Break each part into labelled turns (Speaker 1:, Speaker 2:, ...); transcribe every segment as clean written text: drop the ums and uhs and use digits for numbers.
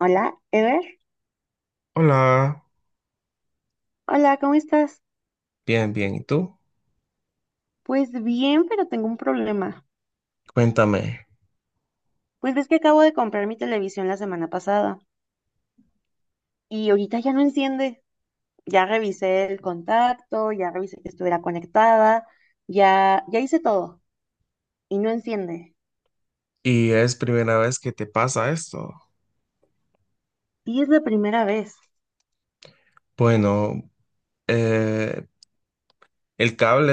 Speaker 1: Hola, Ever.
Speaker 2: Hola,
Speaker 1: Hola, ¿cómo estás?
Speaker 2: bien, bien. ¿Y tú?
Speaker 1: Pues bien, pero tengo un problema.
Speaker 2: Cuéntame.
Speaker 1: Pues ves que acabo de comprar mi televisión la semana pasada y ahorita ya no enciende. Ya revisé el contacto, ya revisé que estuviera conectada, ya hice todo y no enciende.
Speaker 2: ¿Y es primera vez que te pasa esto?
Speaker 1: Y es la primera vez.
Speaker 2: Bueno, eh, el cable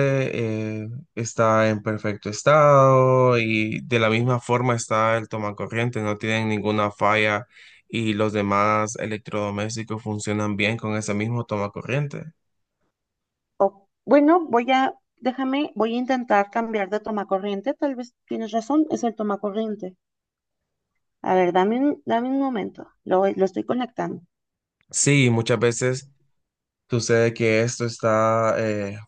Speaker 2: eh, está en perfecto estado y de la misma forma está el tomacorriente, no tienen ninguna falla y los demás electrodomésticos funcionan bien con ese mismo tomacorriente.
Speaker 1: O, bueno, voy a, déjame, voy a intentar cambiar de tomacorriente. Tal vez tienes razón, es el tomacorriente. A ver, dame un momento. Lo estoy conectando.
Speaker 2: Sí, muchas veces sucede que esto está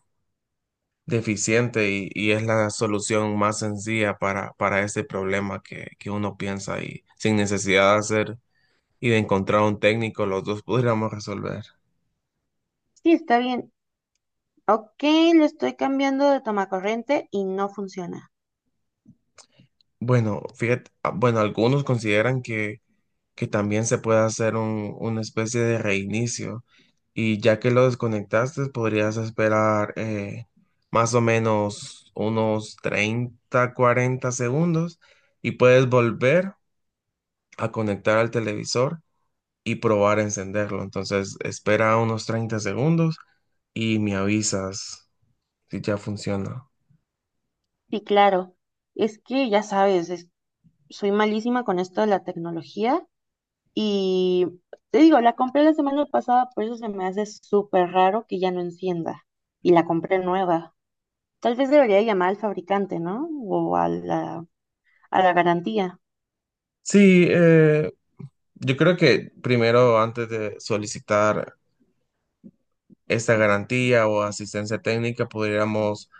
Speaker 2: deficiente y es la solución más sencilla para ese problema que uno piensa y sin necesidad de hacer y de encontrar un técnico, los dos podríamos resolver.
Speaker 1: Sí, está bien. Ok, le estoy cambiando de tomacorriente y no funciona.
Speaker 2: Bueno, fíjate, ah, bueno, algunos consideran que también se puede hacer una especie de reinicio y ya que lo desconectaste, podrías esperar más o menos unos 30 40 segundos y puedes volver a conectar al televisor y probar a encenderlo. Entonces, espera unos 30 segundos y me avisas si ya funciona.
Speaker 1: Sí, claro. Es que ya sabes, soy malísima con esto de la tecnología y te digo, la compré la semana pasada, por eso se me hace súper raro que ya no encienda. Y la compré nueva. Tal vez debería llamar al fabricante, ¿no? O a a la garantía.
Speaker 2: Sí, yo creo que primero, antes de solicitar esta garantía o asistencia técnica, podríamos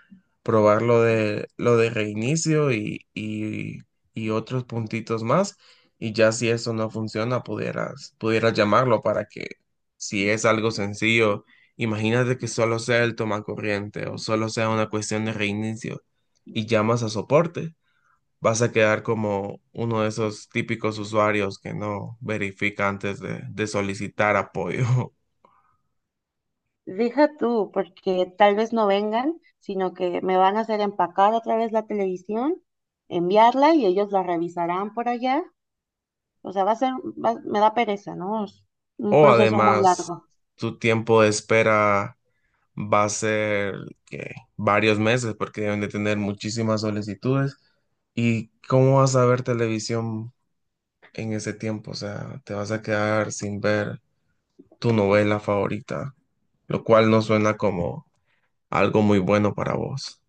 Speaker 2: probar lo de reinicio y otros puntitos más. Y ya si eso no funciona, pudieras llamarlo para que, si es algo sencillo, imagínate que solo sea el tomacorriente o solo sea una cuestión de reinicio y llamas a soporte. Vas a quedar como uno de esos típicos usuarios que no verifica antes de solicitar apoyo.
Speaker 1: Deja tú, porque tal vez no vengan, sino que me van a hacer empacar otra vez la televisión, enviarla y ellos la revisarán por allá. O sea, va a ser, va- me da pereza, ¿no? Es un
Speaker 2: O
Speaker 1: proceso muy, claro,
Speaker 2: además,
Speaker 1: largo.
Speaker 2: tu tiempo de espera va a ser que varios meses porque deben de tener muchísimas solicitudes. ¿Y cómo vas a ver televisión en ese tiempo? O sea, te vas a quedar sin ver tu novela favorita, lo cual no suena como algo muy bueno para vos.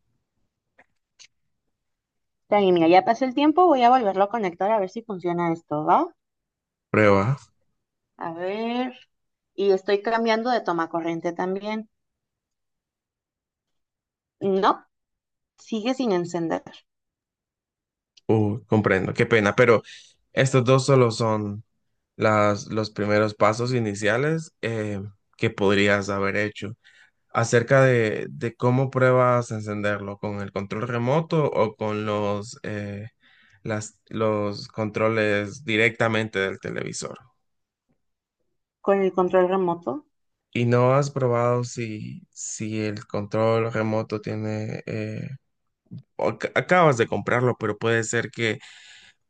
Speaker 1: Está bien, mira, ya pasé el tiempo, voy a volverlo a conectar a ver si funciona esto, ¿va?
Speaker 2: Prueba.
Speaker 1: A ver. Y estoy cambiando de toma corriente también. No, sigue sin encender.
Speaker 2: Comprendo, qué pena, pero estos dos solo son los primeros pasos iniciales que podrías haber hecho. Acerca de cómo pruebas a encenderlo, con el control remoto o con los controles directamente del televisor.
Speaker 1: Con el control remoto.
Speaker 2: ¿Y no has probado si el control remoto tiene, o acabas de comprarlo, pero puede ser que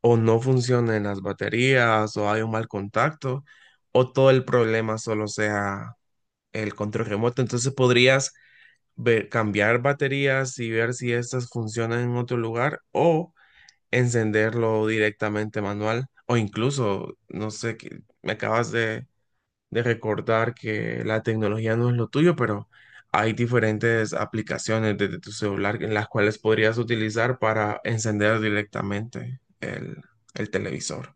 Speaker 2: o no funcionen las baterías o hay un mal contacto o todo el problema solo sea el control remoto? Entonces podrías cambiar baterías y ver si estas funcionan en otro lugar o encenderlo directamente manual o incluso, no sé, me acabas de recordar que la tecnología no es lo tuyo, pero hay diferentes aplicaciones desde tu celular en las cuales podrías utilizar para encender directamente el televisor.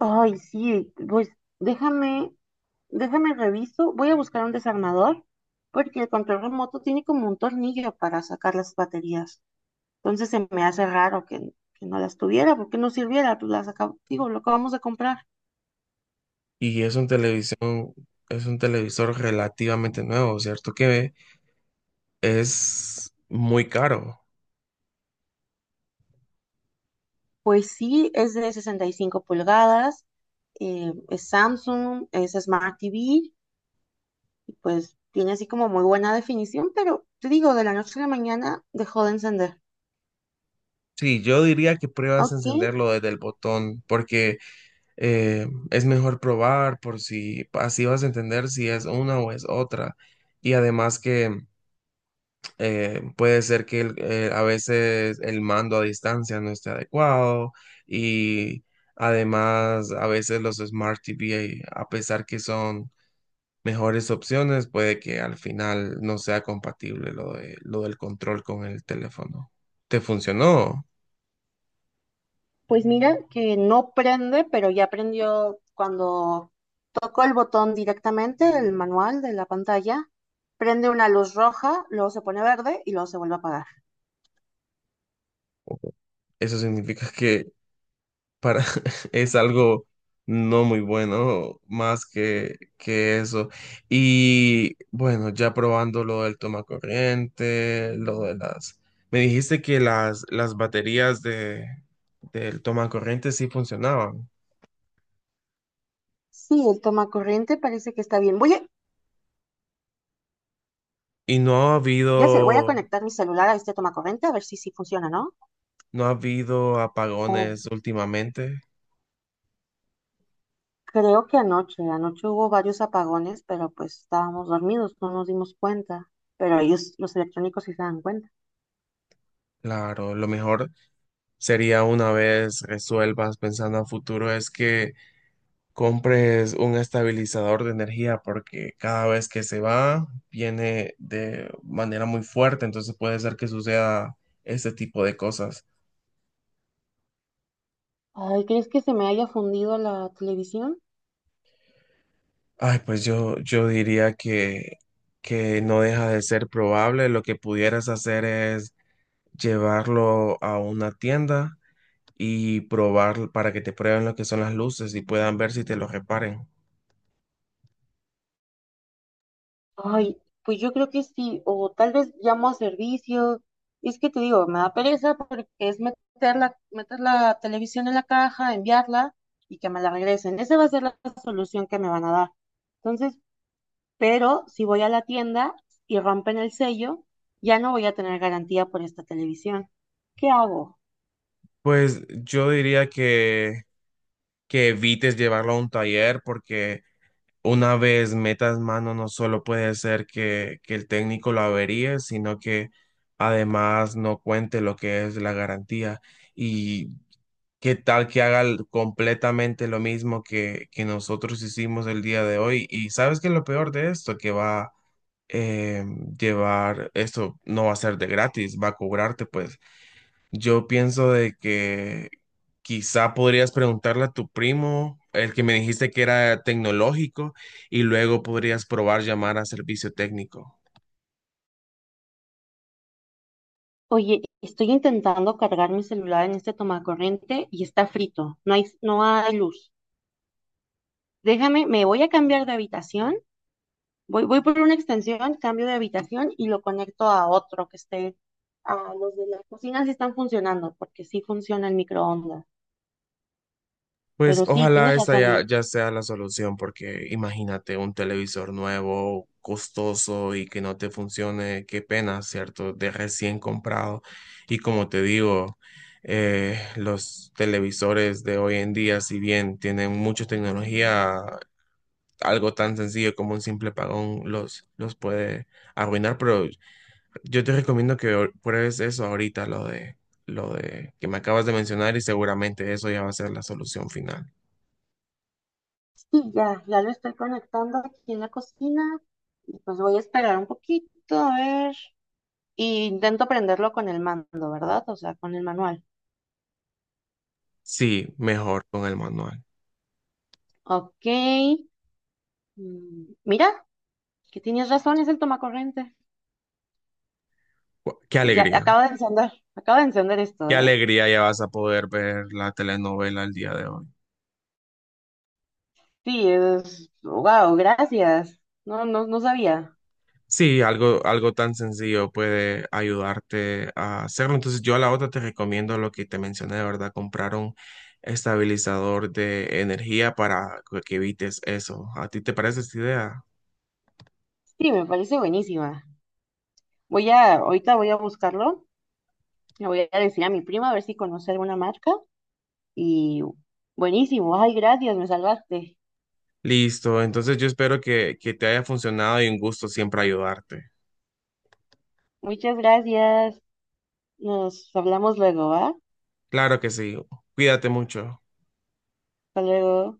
Speaker 1: Ay, sí, pues déjame, déjame reviso. Voy a buscar un desarmador porque el control remoto tiene como un tornillo para sacar las baterías. Entonces se me hace raro que no las tuviera, porque no sirviera, pues las acabo, digo, lo acabamos de comprar.
Speaker 2: Y es un televisor relativamente nuevo, ¿cierto? Que es muy caro.
Speaker 1: Pues sí, es de 65 pulgadas, es Samsung, es Smart TV, y pues tiene así como muy buena definición, pero te digo, de la noche a la mañana dejó de encender.
Speaker 2: Sí, yo diría que pruebas a
Speaker 1: Ok,
Speaker 2: encenderlo desde el botón, porque es mejor probar por si así vas a entender si es una o es otra. Y además que puede ser que a veces el mando a distancia no esté adecuado y además a veces los Smart TV, a pesar que son mejores opciones, puede que al final no sea compatible lo del control con el teléfono. ¿Te funcionó?
Speaker 1: pues mira que no prende, pero ya prendió cuando toco el botón directamente, el manual de la pantalla, prende una luz roja, luego se pone verde y luego se vuelve a apagar.
Speaker 2: Eso significa que para es algo no muy bueno, más que eso. Y bueno, ya probando lo del toma corriente, lo de las... Me dijiste que las baterías del toma corriente sí funcionaban.
Speaker 1: Sí, el toma corriente parece que está bien. Voy a,
Speaker 2: Y no ha
Speaker 1: ya sé, voy a
Speaker 2: habido,
Speaker 1: conectar mi celular a este toma corriente a ver si sí funciona,
Speaker 2: no ha habido
Speaker 1: ¿no?
Speaker 2: apagones últimamente.
Speaker 1: Creo que anoche, anoche hubo varios apagones, pero pues estábamos dormidos, no nos dimos cuenta. Pero ellos, los electrónicos, sí se dan cuenta.
Speaker 2: Claro, lo mejor sería una vez resuelvas pensando a futuro es que compres un estabilizador de energía porque cada vez que se va viene de manera muy fuerte, entonces puede ser que suceda este tipo de cosas.
Speaker 1: Ay, ¿crees que se me haya fundido la televisión?
Speaker 2: Ay, pues yo diría que no deja de ser probable. Lo que pudieras hacer es llevarlo a una tienda y probar para que te prueben lo que son las luces y puedan ver si te lo reparen.
Speaker 1: Ay, pues yo creo que sí, o tal vez llamo a servicio. Es que te digo, me da pereza porque es meter meter la televisión en la caja, enviarla y que me la regresen. Esa va a ser la solución que me van a dar. Entonces, pero si voy a la tienda y rompen el sello, ya no voy a tener garantía por esta televisión. ¿Qué hago?
Speaker 2: Pues yo diría que evites llevarlo a un taller porque una vez metas mano no solo puede ser que el técnico lo averíe, sino que además no cuente lo que es la garantía. Y ¿qué tal que haga completamente lo mismo que nosotros hicimos el día de hoy? Y sabes que lo peor de esto, que va a llevar, esto no va a ser de gratis, va a cobrarte, pues yo pienso de que quizá podrías preguntarle a tu primo, el que me dijiste que era tecnológico, y luego podrías probar llamar a servicio técnico.
Speaker 1: Oye, estoy intentando cargar mi celular en este tomacorriente y está frito. No hay luz. Déjame, me voy a cambiar de habitación. Voy por una extensión, cambio de habitación y lo conecto a otro que esté. A los de la cocina sí están funcionando, porque sí funciona el microondas.
Speaker 2: Pues
Speaker 1: Pero sí,
Speaker 2: ojalá
Speaker 1: tienes
Speaker 2: esta ya,
Speaker 1: razón.
Speaker 2: ya sea la solución, porque imagínate un televisor nuevo, costoso y que no te funcione, qué pena, ¿cierto? De recién comprado. Y como te digo, los televisores de hoy en día, si bien tienen mucha tecnología, algo tan sencillo como un simple pagón los puede arruinar, pero yo te recomiendo que pruebes eso ahorita, lo de que me acabas de mencionar y seguramente eso ya va a ser la solución final.
Speaker 1: Ya lo estoy conectando aquí en la cocina. Y pues voy a esperar un poquito, a ver. Y intento prenderlo con el mando, ¿verdad? O sea, con el manual.
Speaker 2: Sí, mejor con el manual.
Speaker 1: Ok. Mm, mira, que tienes razón, es el tomacorriente.
Speaker 2: Gua- Qué
Speaker 1: Y ya,
Speaker 2: alegría,
Speaker 1: acabo de encender esto,
Speaker 2: qué
Speaker 1: ¿eh?
Speaker 2: alegría ya vas a poder ver la telenovela el día de hoy.
Speaker 1: Sí, es... Wow, gracias. No sabía.
Speaker 2: Sí, algo tan sencillo puede ayudarte a hacerlo. Entonces yo a la otra te recomiendo lo que te mencioné, de verdad, comprar un estabilizador de energía para que evites eso. ¿A ti te parece esta idea?
Speaker 1: Sí, me parece buenísima. Voy a, ahorita voy a buscarlo. Le voy a decir a mi prima a ver si conoce alguna marca. Y buenísimo, ay, gracias, me salvaste.
Speaker 2: Listo, entonces yo espero que te haya funcionado y un gusto siempre ayudarte.
Speaker 1: Muchas gracias. Nos hablamos luego, ¿va? Hasta
Speaker 2: Claro que sí, cuídate mucho.
Speaker 1: luego.